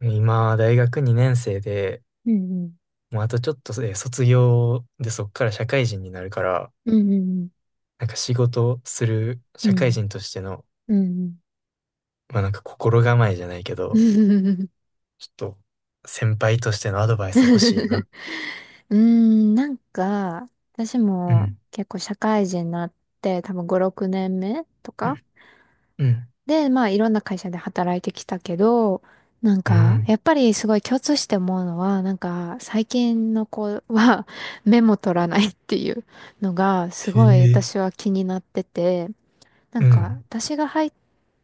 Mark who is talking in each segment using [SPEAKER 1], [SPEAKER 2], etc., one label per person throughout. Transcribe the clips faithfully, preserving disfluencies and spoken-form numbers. [SPEAKER 1] 今、大学にねん生で、
[SPEAKER 2] うんうん。
[SPEAKER 1] もうあとちょっとで卒業でそっから社会人になるから、
[SPEAKER 2] うん
[SPEAKER 1] なんか仕事する
[SPEAKER 2] う
[SPEAKER 1] 社会
[SPEAKER 2] ん
[SPEAKER 1] 人としての、
[SPEAKER 2] うん。うんうん。
[SPEAKER 1] まあなんか心構えじゃないけ
[SPEAKER 2] う
[SPEAKER 1] ど、
[SPEAKER 2] ん、
[SPEAKER 1] ちょっと先輩としてのアドバイス欲しいな。
[SPEAKER 2] うーんなんか、私
[SPEAKER 1] う
[SPEAKER 2] も
[SPEAKER 1] ん。
[SPEAKER 2] 結構社会人になって多分ご、ろくねんめとか
[SPEAKER 1] うん。
[SPEAKER 2] で、まあいろんな会社で働いてきたけど、なん
[SPEAKER 1] う
[SPEAKER 2] か、
[SPEAKER 1] ん。
[SPEAKER 2] やっぱりすごい共通して思うのは、なんか、最近の子は メモ取らないっていうのが、
[SPEAKER 1] へ
[SPEAKER 2] すごい
[SPEAKER 1] え、
[SPEAKER 2] 私は気になってて、な
[SPEAKER 1] う
[SPEAKER 2] んか、
[SPEAKER 1] ん。
[SPEAKER 2] 私が入っ、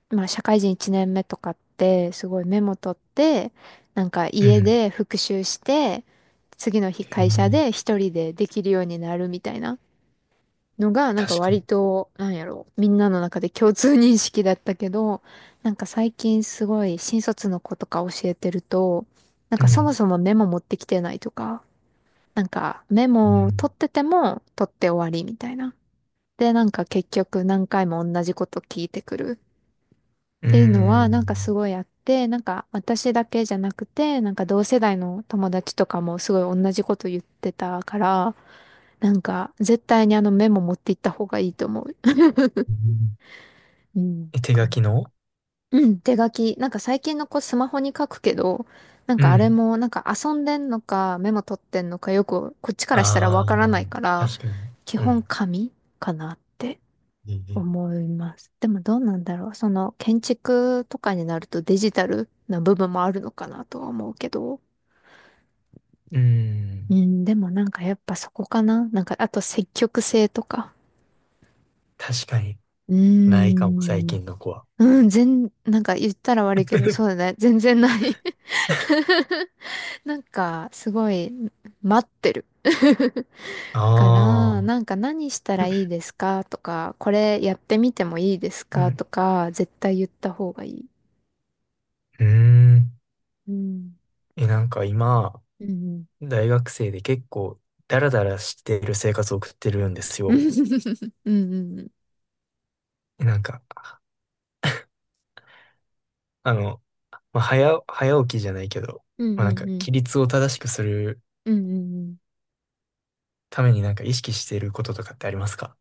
[SPEAKER 2] まあ、社会人いちねんめとかって、すごいメモ取って、なんか
[SPEAKER 1] う
[SPEAKER 2] 家
[SPEAKER 1] ん。
[SPEAKER 2] で復習して、次の日
[SPEAKER 1] へ
[SPEAKER 2] 会社
[SPEAKER 1] え、
[SPEAKER 2] で一人でできるようになるみたいなのが、なん
[SPEAKER 1] 確
[SPEAKER 2] か
[SPEAKER 1] かに。
[SPEAKER 2] 割と、なんやろ、みんなの中で共通認識だったけど、なんか最近すごい新卒の子とか教えてると、なん
[SPEAKER 1] う
[SPEAKER 2] かそも
[SPEAKER 1] ん。
[SPEAKER 2] そもメモ持ってきてないとか、なんかメ
[SPEAKER 1] う
[SPEAKER 2] モを
[SPEAKER 1] ん。
[SPEAKER 2] 取ってても取って終わりみたいな。で、なんか結局何回も同じこと聞いてくる。
[SPEAKER 1] う
[SPEAKER 2] ていうのは、
[SPEAKER 1] ん。
[SPEAKER 2] なんかすごいあって、なんか私だけじゃなくて、なんか同世代の友達とかもすごい同じこと言ってたから、なんか絶対にあのメモ持っていった方がいいと思う。
[SPEAKER 1] うん。
[SPEAKER 2] うん。
[SPEAKER 1] え、手
[SPEAKER 2] か
[SPEAKER 1] 書
[SPEAKER 2] な
[SPEAKER 1] きの？
[SPEAKER 2] うん、手書き。なんか最近の子スマホに書くけど、なん
[SPEAKER 1] う
[SPEAKER 2] かあれ
[SPEAKER 1] ん。
[SPEAKER 2] もなんか遊んでんのかメモ取ってんのかよくこっちからしたら
[SPEAKER 1] あ
[SPEAKER 2] わ
[SPEAKER 1] あ、
[SPEAKER 2] からないから、
[SPEAKER 1] 確かに。
[SPEAKER 2] 基
[SPEAKER 1] う
[SPEAKER 2] 本
[SPEAKER 1] ん。
[SPEAKER 2] 紙かなって。
[SPEAKER 1] へえ。
[SPEAKER 2] 思います。でもどうなんだろう。その建築とかになるとデジタルな部分もあるのかなとは思うけど。
[SPEAKER 1] うん。
[SPEAKER 2] うん、でもなんかやっぱそこかな。なんかあと積極性とか。
[SPEAKER 1] 確かに
[SPEAKER 2] うー
[SPEAKER 1] ないかも、最
[SPEAKER 2] ん。
[SPEAKER 1] 近の子は。
[SPEAKER 2] うん、全、なんか言ったら悪いけど、そうだ ね。全然ない なんかすごい待ってる。か
[SPEAKER 1] あ
[SPEAKER 2] ら、
[SPEAKER 1] あ、
[SPEAKER 2] なんか何したらいいですかとか、これやってみてもいいです
[SPEAKER 1] う
[SPEAKER 2] かと
[SPEAKER 1] ん。
[SPEAKER 2] か、絶対言った方がいい。
[SPEAKER 1] うーん。
[SPEAKER 2] うん。
[SPEAKER 1] え、なんか今、
[SPEAKER 2] うんうん
[SPEAKER 1] 大学生で結構、ダラダラしてる生活を送ってるんです
[SPEAKER 2] うん
[SPEAKER 1] よ。
[SPEAKER 2] うんうん。
[SPEAKER 1] え、なんか、あの、まあ、早、早起きじゃないけど、
[SPEAKER 2] うん
[SPEAKER 1] まあ、なん
[SPEAKER 2] う
[SPEAKER 1] か、
[SPEAKER 2] んうん。
[SPEAKER 1] 規律を正しくする
[SPEAKER 2] うんうんうん。
[SPEAKER 1] ためになんか意識していることとかってありますか？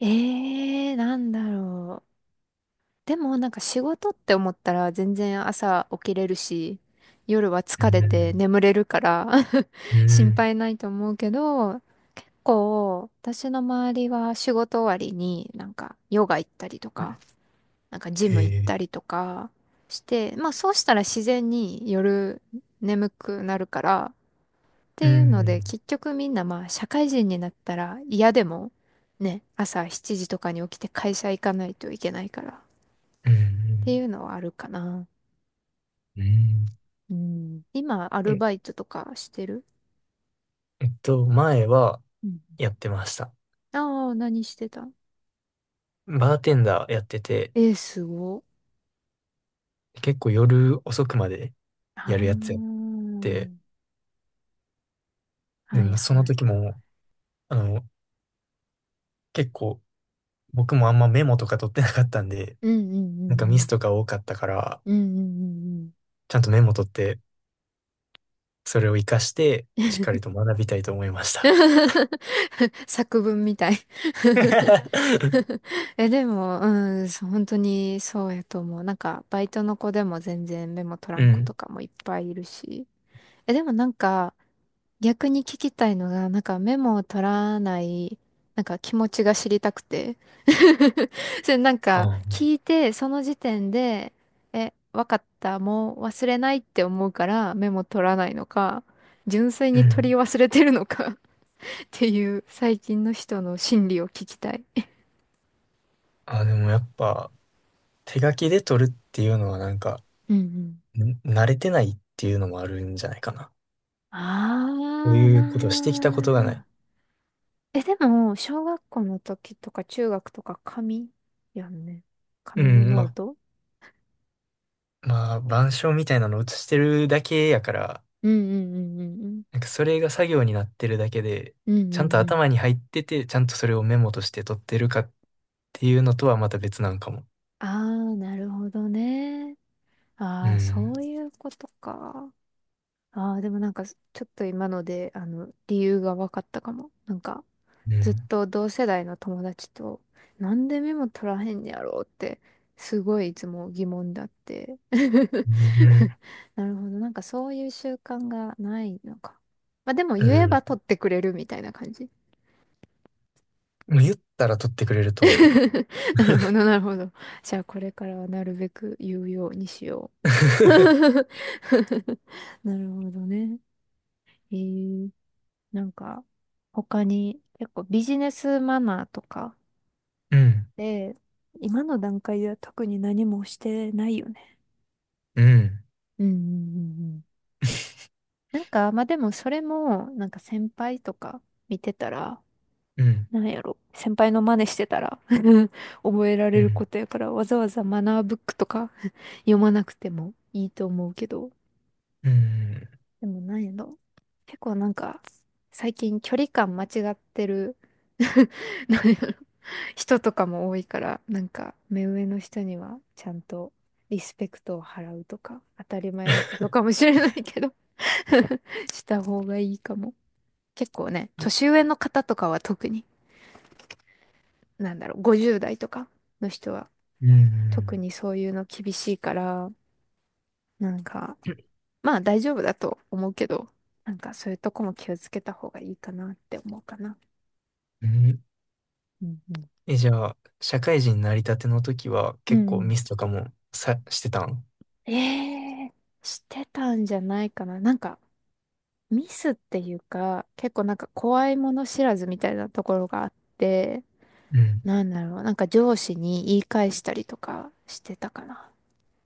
[SPEAKER 2] ええー、なんだろう。でもなんか仕事って思ったら全然朝起きれるし、夜は
[SPEAKER 1] う
[SPEAKER 2] 疲れて
[SPEAKER 1] ん、
[SPEAKER 2] 眠れるから
[SPEAKER 1] う
[SPEAKER 2] 心
[SPEAKER 1] ん、
[SPEAKER 2] 配ないと思うけど、こう、私の周りは仕事終わりになんかヨガ行ったりとか、なんかジ
[SPEAKER 1] へ
[SPEAKER 2] ム行っ
[SPEAKER 1] え、
[SPEAKER 2] たりとかして、まあそうしたら自然に夜眠くなるから、っ
[SPEAKER 1] う
[SPEAKER 2] ていうので、
[SPEAKER 1] ん、
[SPEAKER 2] 結局みんなまあ社会人になったら嫌でもね、朝しちじとかに起きて会社行かないといけないからっ
[SPEAKER 1] う
[SPEAKER 2] てい
[SPEAKER 1] ん、
[SPEAKER 2] うのはあるかな。
[SPEAKER 1] うん。うん。
[SPEAKER 2] うん。今、アル
[SPEAKER 1] え、
[SPEAKER 2] バイトとかしてる
[SPEAKER 1] えっと、前は
[SPEAKER 2] うん
[SPEAKER 1] やってました。
[SPEAKER 2] ああ何してた
[SPEAKER 1] バーテンダーやってて、
[SPEAKER 2] えー、すご。
[SPEAKER 1] 結構夜遅くまで
[SPEAKER 2] あ
[SPEAKER 1] やるやつやっ
[SPEAKER 2] あ、
[SPEAKER 1] て、で
[SPEAKER 2] はい
[SPEAKER 1] もその
[SPEAKER 2] はい。
[SPEAKER 1] 時も、あの、結構僕もあんまメモとか取ってなかったんで、
[SPEAKER 2] うんうん
[SPEAKER 1] なんかミ
[SPEAKER 2] う
[SPEAKER 1] ス
[SPEAKER 2] ん
[SPEAKER 1] とか多かったから、
[SPEAKER 2] うん。うんうんうんうん。
[SPEAKER 1] ちゃんとメモ取って、それを活かして、しっかりと学びたいと思いました。
[SPEAKER 2] 作文みたい え、でも、うん、そう本当にそうやと思う。なんか、バイトの子でも全然メモ取ら
[SPEAKER 1] う
[SPEAKER 2] ん子と
[SPEAKER 1] ん。
[SPEAKER 2] かもいっぱいいるし。え、でもなんか、逆に聞きたいのが、なんかメモを取らない、なんか気持ちが知りたくて。それなんか、
[SPEAKER 1] あ、
[SPEAKER 2] 聞いて、その時点で、え、わかった、もう忘れないって思うからメモ取らないのか、純粋
[SPEAKER 1] う
[SPEAKER 2] に取り
[SPEAKER 1] ん。
[SPEAKER 2] 忘れてるのか っていう、最近の人の心理を聞きたい。
[SPEAKER 1] あ、でもやっぱ、手書きで取るっていうのはなんか、
[SPEAKER 2] うんうん
[SPEAKER 1] ん慣れてないっていうのもあるんじゃないかな。
[SPEAKER 2] あ
[SPEAKER 1] こう
[SPEAKER 2] あ
[SPEAKER 1] いうことをしてきたことがない。
[SPEAKER 2] なー。え、でも、小学校の時とか中学とか紙やんね。
[SPEAKER 1] う
[SPEAKER 2] 紙の
[SPEAKER 1] ん、
[SPEAKER 2] ノー
[SPEAKER 1] ま、
[SPEAKER 2] ト
[SPEAKER 1] まあ、板書みたいなの写してるだけやから、
[SPEAKER 2] うんうんうんうんうん。
[SPEAKER 1] なんかそれが作業になってるだけで、
[SPEAKER 2] うんう
[SPEAKER 1] ちゃん
[SPEAKER 2] ん
[SPEAKER 1] と
[SPEAKER 2] うん。
[SPEAKER 1] 頭に入ってて、ちゃんとそれをメモとして取ってるかっていうのとはまた別なんかも。
[SPEAKER 2] ああ、なるほどね。
[SPEAKER 1] う
[SPEAKER 2] ああ、
[SPEAKER 1] ん。
[SPEAKER 2] そういうことか。ああ、でもなんか、ちょっと今ので、あの、理由が分かったかも。なんか、
[SPEAKER 1] う
[SPEAKER 2] ずっ
[SPEAKER 1] ん。
[SPEAKER 2] と同世代の友達と、なんでメモ取らへんやろうって、すごいいつも疑問だって。
[SPEAKER 1] うん。
[SPEAKER 2] なるほど。なんかそういう習慣がないのか。まあでも
[SPEAKER 1] う
[SPEAKER 2] 言えば
[SPEAKER 1] ん。
[SPEAKER 2] 取ってくれるみたいな感じ。
[SPEAKER 1] もう言ったら取ってくれると思う。
[SPEAKER 2] なるほど、なるほど。じゃあこれからはなるべく言うようにしよう。なるほどね。えー、なんか他に結構ビジネスマナーとか、
[SPEAKER 1] うん。
[SPEAKER 2] で、今の段階では特に何もしてないよね。
[SPEAKER 1] うん。
[SPEAKER 2] うんうんうんうん。なんか、まあでもそれも、なんか先輩とか見てたら、
[SPEAKER 1] うん。
[SPEAKER 2] なんやろ。先輩の真似してたら 覚えら
[SPEAKER 1] う
[SPEAKER 2] れる
[SPEAKER 1] ん。
[SPEAKER 2] ことやから、わざわざマナーブックとか 読まなくてもいいと思うけど、
[SPEAKER 1] うん。
[SPEAKER 2] でもなんやろ。結構なんか、最近距離感間違ってる なんやろ人とかも多いから、なんか、目上の人にはちゃんとリスペクトを払うとか、当たり前のことかもしれないけど した方がいいかも。結構ね、年
[SPEAKER 1] え。
[SPEAKER 2] 上の方とかは特に、なんだろう、ごじゅう代とかの人は
[SPEAKER 1] う
[SPEAKER 2] 特
[SPEAKER 1] ん。
[SPEAKER 2] にそういうの厳しいから、なんか、まあ大丈夫だと思うけど、なんかそういうとこも気をつけた方がいいかなって思うかな。
[SPEAKER 1] うん。
[SPEAKER 2] うんうん。
[SPEAKER 1] え、じゃあ、社会人になりたての時は
[SPEAKER 2] う
[SPEAKER 1] 結
[SPEAKER 2] ん
[SPEAKER 1] 構
[SPEAKER 2] うん
[SPEAKER 1] ミスとかもさ、してたん？
[SPEAKER 2] ええしてたんじゃないかな。なんかミスっていうか、結構なんか怖いもの知らずみたいなところがあって、
[SPEAKER 1] うん。
[SPEAKER 2] なんだろう、なんか上司に言い返したりとかしてたかな。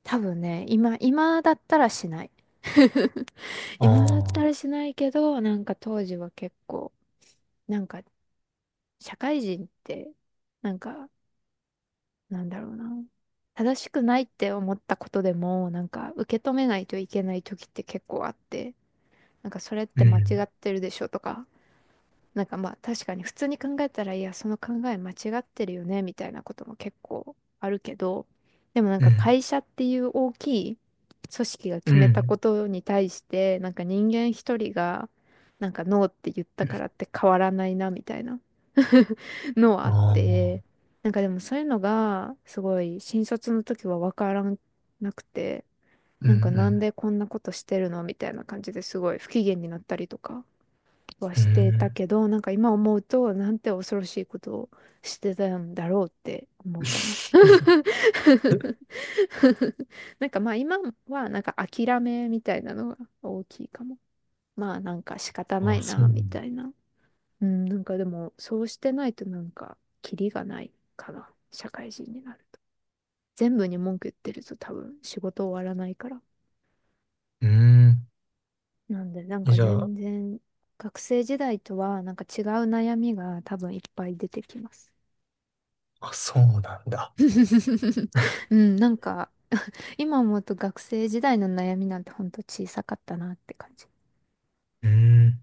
[SPEAKER 2] 多分ね、今、今だったらしない。
[SPEAKER 1] あ
[SPEAKER 2] 今だったら
[SPEAKER 1] あ。
[SPEAKER 2] しないけど、なんか当時は結構、なんか社会人って、なんかなんだろうな。正しくないって思ったことでも、なんか受け止めないといけない時って結構あって、なんかそれっ
[SPEAKER 1] う
[SPEAKER 2] て間違
[SPEAKER 1] ん。
[SPEAKER 2] ってるでしょとか、なんかまあ確かに普通に考えたら、いや、その考え間違ってるよね、みたいなことも結構あるけど、でもなん
[SPEAKER 1] う
[SPEAKER 2] か
[SPEAKER 1] ん。
[SPEAKER 2] 会社っていう大きい組織が
[SPEAKER 1] う
[SPEAKER 2] 決めたこ
[SPEAKER 1] ん。
[SPEAKER 2] とに対して、なんか人間一人が、なんかノーって言ったからって変わらないな、みたいな のはあ
[SPEAKER 1] あ
[SPEAKER 2] っ
[SPEAKER 1] あ、
[SPEAKER 2] て、なんかでもそういうのが、すごい新卒の時はわからなくて、
[SPEAKER 1] うん
[SPEAKER 2] な
[SPEAKER 1] う
[SPEAKER 2] んかなん
[SPEAKER 1] ん。
[SPEAKER 2] でこんなことしてるのみたいな感じですごい不機嫌になったりとか。は
[SPEAKER 1] へ
[SPEAKER 2] してたけど、なんか今思うと、なんて恐ろしいことをしてたんだろうって思うかな。
[SPEAKER 1] え。
[SPEAKER 2] なんかまあ今はなんか諦めみたいなのが大きいかも。まあなんか仕方な
[SPEAKER 1] あ あ、
[SPEAKER 2] い
[SPEAKER 1] そう
[SPEAKER 2] な、
[SPEAKER 1] なの。
[SPEAKER 2] みたいな。うん、なんかでもそうしてないとなんかキリがないかな。社会人になると。全部に文句言ってると多分仕事終わらないから。
[SPEAKER 1] うん。
[SPEAKER 2] なんでなん
[SPEAKER 1] え、
[SPEAKER 2] か
[SPEAKER 1] じゃあ、
[SPEAKER 2] 全然学生時代とはなんか違う悩みが多分いっぱい出てきます。
[SPEAKER 1] あ、そうなんだ。
[SPEAKER 2] うん、なんか、今思うと学生時代の悩みなんてほんと小さかったなって感じ。
[SPEAKER 1] うん。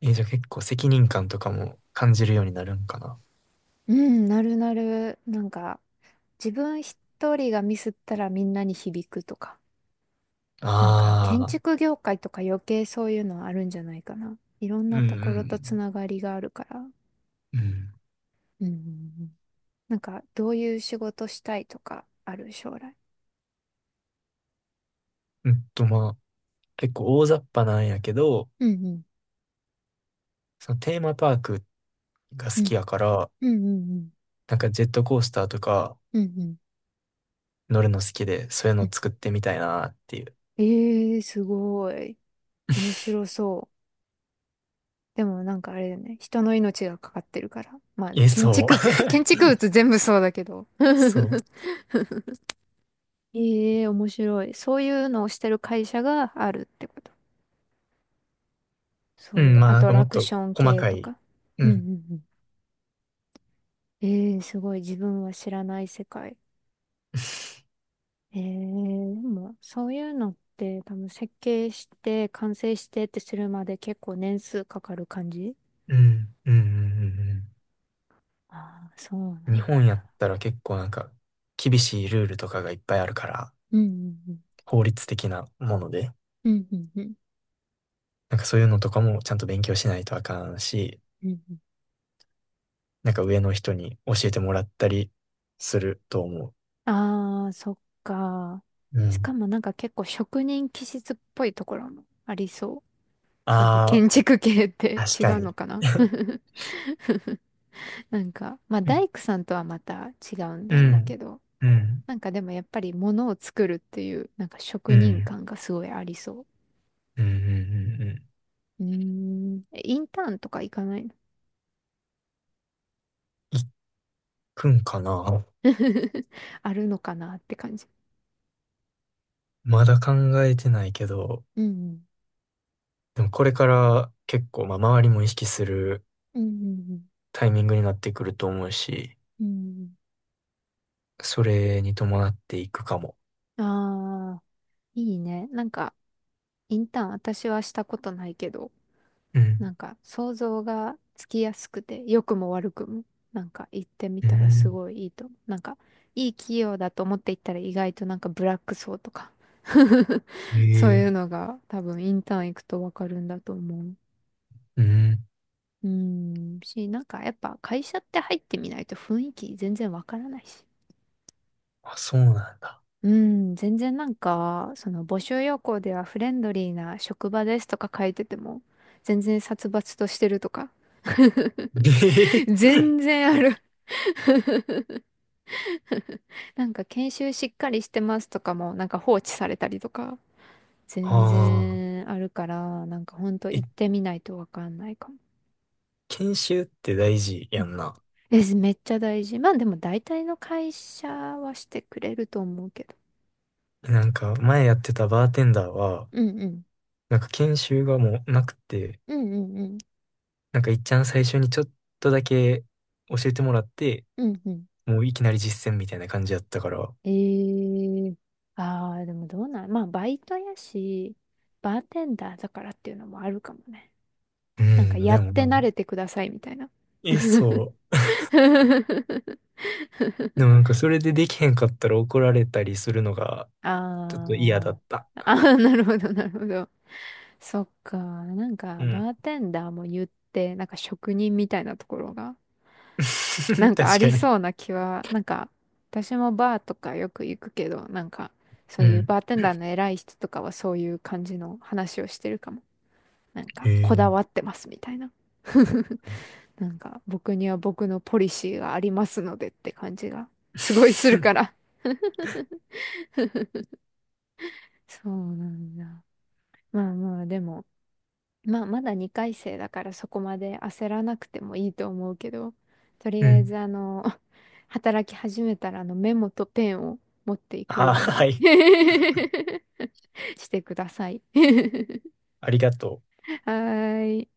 [SPEAKER 1] え、じゃあ結構責任感とかも感じるようになるんかな。
[SPEAKER 2] うん、なるなる。なんか、自分一人がミスったらみんなに響くとか。なんか、建
[SPEAKER 1] ああ、
[SPEAKER 2] 築業界とか余計そういうのはあるんじゃないかな。いろん
[SPEAKER 1] うん
[SPEAKER 2] な
[SPEAKER 1] う
[SPEAKER 2] ところとつ
[SPEAKER 1] ん
[SPEAKER 2] ながりがあるから。
[SPEAKER 1] うん。うん。
[SPEAKER 2] うん。なんか、どういう仕事したいとかある将来。
[SPEAKER 1] うんと、まあ、結構大雑把なんやけど、
[SPEAKER 2] うんうん。
[SPEAKER 1] そのテーマパークが
[SPEAKER 2] う
[SPEAKER 1] 好き
[SPEAKER 2] ん。
[SPEAKER 1] やから、
[SPEAKER 2] うんうんうん。
[SPEAKER 1] なんかジェットコースターとか
[SPEAKER 2] うんうん
[SPEAKER 1] 乗るの好きで、そういう
[SPEAKER 2] うん。
[SPEAKER 1] の作ってみたいなっていう。
[SPEAKER 2] ええー、すごい。面 白そう。でもなんかあれだよね。人の命がかかってるから。まあ、
[SPEAKER 1] え、
[SPEAKER 2] 建
[SPEAKER 1] そう。
[SPEAKER 2] 築、建築物全部そうだけど。
[SPEAKER 1] そう。
[SPEAKER 2] ええ面白い。そういうのをしてる会社があるってこと。
[SPEAKER 1] う
[SPEAKER 2] そうい
[SPEAKER 1] ん、
[SPEAKER 2] う
[SPEAKER 1] まあ
[SPEAKER 2] ア
[SPEAKER 1] なん
[SPEAKER 2] ト
[SPEAKER 1] かも
[SPEAKER 2] ラ
[SPEAKER 1] っ
[SPEAKER 2] ク
[SPEAKER 1] と
[SPEAKER 2] ション
[SPEAKER 1] 細
[SPEAKER 2] 系
[SPEAKER 1] か
[SPEAKER 2] と
[SPEAKER 1] い。
[SPEAKER 2] か。
[SPEAKER 1] う
[SPEAKER 2] うんう
[SPEAKER 1] ん。
[SPEAKER 2] んうん。ええすごい。自分は知らない世界。ええでも、そういうのって多分設計して、完成してってするまで結構年数かかる感じ
[SPEAKER 1] うん、うん、うん、うん。
[SPEAKER 2] ああー、そう
[SPEAKER 1] うん。日
[SPEAKER 2] な。
[SPEAKER 1] 本やったら結構なんか厳しいルールとかがいっぱいあるから、
[SPEAKER 2] うんうん
[SPEAKER 1] 法律的なもので、
[SPEAKER 2] うん。うんうんうん。
[SPEAKER 1] なんかそういうのとかもちゃんと勉強しないとあかんし、
[SPEAKER 2] うんうん
[SPEAKER 1] なんか上の人に教えてもらったりすると思
[SPEAKER 2] ああ、そっか。
[SPEAKER 1] う。う
[SPEAKER 2] し
[SPEAKER 1] ん。
[SPEAKER 2] かもなんか結構職人気質っぽいところもありそう。そういう
[SPEAKER 1] ああ、
[SPEAKER 2] 建築系って
[SPEAKER 1] 確
[SPEAKER 2] 違
[SPEAKER 1] か
[SPEAKER 2] うの
[SPEAKER 1] に。
[SPEAKER 2] かな なんか、まあ
[SPEAKER 1] うん、
[SPEAKER 2] 大工さんとはまた違うん
[SPEAKER 1] う
[SPEAKER 2] だろうけ
[SPEAKER 1] ん、
[SPEAKER 2] ど、
[SPEAKER 1] うん、
[SPEAKER 2] なんかでもやっぱり物を作るっていう、なんか
[SPEAKER 1] う
[SPEAKER 2] 職人
[SPEAKER 1] ん、
[SPEAKER 2] 感がすごいありそ
[SPEAKER 1] うん、うん。うん。
[SPEAKER 2] う。うーん、えインターンとか行かないの
[SPEAKER 1] いっくんかな？
[SPEAKER 2] あるのかなって感じ。
[SPEAKER 1] まだ考えてないけど、
[SPEAKER 2] うんうん。
[SPEAKER 1] でもこれから結構、まあ、周りも意識する
[SPEAKER 2] うんうん
[SPEAKER 1] タイミングになってくると思うし、
[SPEAKER 2] うん。
[SPEAKER 1] それに伴っていくかも。
[SPEAKER 2] うん。ああ、いいね。なんか、インターン私はしたことないけど、
[SPEAKER 1] う
[SPEAKER 2] な
[SPEAKER 1] ん。
[SPEAKER 2] んか想像がつきやすくて、良くも悪くも、なんか行ってみ
[SPEAKER 1] う
[SPEAKER 2] たらす
[SPEAKER 1] ん。
[SPEAKER 2] ごいいいと思う。なんかいい企業だと思って行ったら意外となんかブラック層とか そう
[SPEAKER 1] え
[SPEAKER 2] いう
[SPEAKER 1] え。
[SPEAKER 2] のが多分インターン行くとわかるんだと思う。
[SPEAKER 1] うん。
[SPEAKER 2] うーん、し、なんかやっぱ会社って入ってみないと雰囲気全然わからないし。
[SPEAKER 1] あ、そうなんだ。
[SPEAKER 2] うん、全然なんか、その募集要項ではフレンドリーな職場ですとか書いてても、全然殺伐としてるとか、
[SPEAKER 1] え
[SPEAKER 2] 全
[SPEAKER 1] え。
[SPEAKER 2] 然あるなんか研修しっかりしてますとかもなんか放置されたりとか
[SPEAKER 1] あ
[SPEAKER 2] 全
[SPEAKER 1] あ。
[SPEAKER 2] 然あるからなんかほんと
[SPEAKER 1] え、
[SPEAKER 2] 行ってみないとわかんないかも。
[SPEAKER 1] 研修って大事
[SPEAKER 2] う
[SPEAKER 1] や
[SPEAKER 2] ん
[SPEAKER 1] んな。
[SPEAKER 2] え、めっちゃ大事。まあでも大体の会社はしてくれると思うけど。
[SPEAKER 1] なんか、前やってたバーテンダーは、
[SPEAKER 2] うんうん。
[SPEAKER 1] なんか研修がもうなくて、
[SPEAKER 2] うんうんうん。
[SPEAKER 1] なんかいっちゃん最初にちょっとだけ教えてもらって、
[SPEAKER 2] うんうん。
[SPEAKER 1] もういきなり実践みたいな感じやったから。
[SPEAKER 2] ええああー、でもどうなん、まあバイトやし、バーテンダーだからっていうのもあるかもね。
[SPEAKER 1] う
[SPEAKER 2] なんか
[SPEAKER 1] ん、
[SPEAKER 2] や
[SPEAKER 1] で
[SPEAKER 2] っ
[SPEAKER 1] も
[SPEAKER 2] て
[SPEAKER 1] な、
[SPEAKER 2] 慣れてくださいみたいな。
[SPEAKER 1] え、そう。でもなんかそれでできへんかったら怒られたりするのがちょっと嫌だ
[SPEAKER 2] あ
[SPEAKER 1] った。
[SPEAKER 2] あ、ああ、なるほど、なるほど。そっか、なん
[SPEAKER 1] う
[SPEAKER 2] か、
[SPEAKER 1] ん。
[SPEAKER 2] バーテンダーも言って、なんか職人みたいなところが、な んかあ
[SPEAKER 1] 確か
[SPEAKER 2] り
[SPEAKER 1] に。
[SPEAKER 2] そうな気は、なんか、私もバーとかよく行くけど、なんか、そ
[SPEAKER 1] う
[SPEAKER 2] ういう
[SPEAKER 1] ん。
[SPEAKER 2] バーテンダーの偉い人とかはそういう感じの話をしてるかも。なん
[SPEAKER 1] へ
[SPEAKER 2] か、こだ
[SPEAKER 1] え。
[SPEAKER 2] わってますみたいな。なんか、僕には僕のポリシーがありますのでって感じが、すごいする から。そうなんだ。まあまあ、でも、まあ、まだにかい生だからそこまで焦らなくてもいいと思うけど、とり
[SPEAKER 1] う
[SPEAKER 2] あえ
[SPEAKER 1] ん。
[SPEAKER 2] ずあの、働き始めたらあのメモとペンを持っていく
[SPEAKER 1] あ、
[SPEAKER 2] よう
[SPEAKER 1] は
[SPEAKER 2] に
[SPEAKER 1] い。
[SPEAKER 2] してください。
[SPEAKER 1] ありがと う。
[SPEAKER 2] はーい。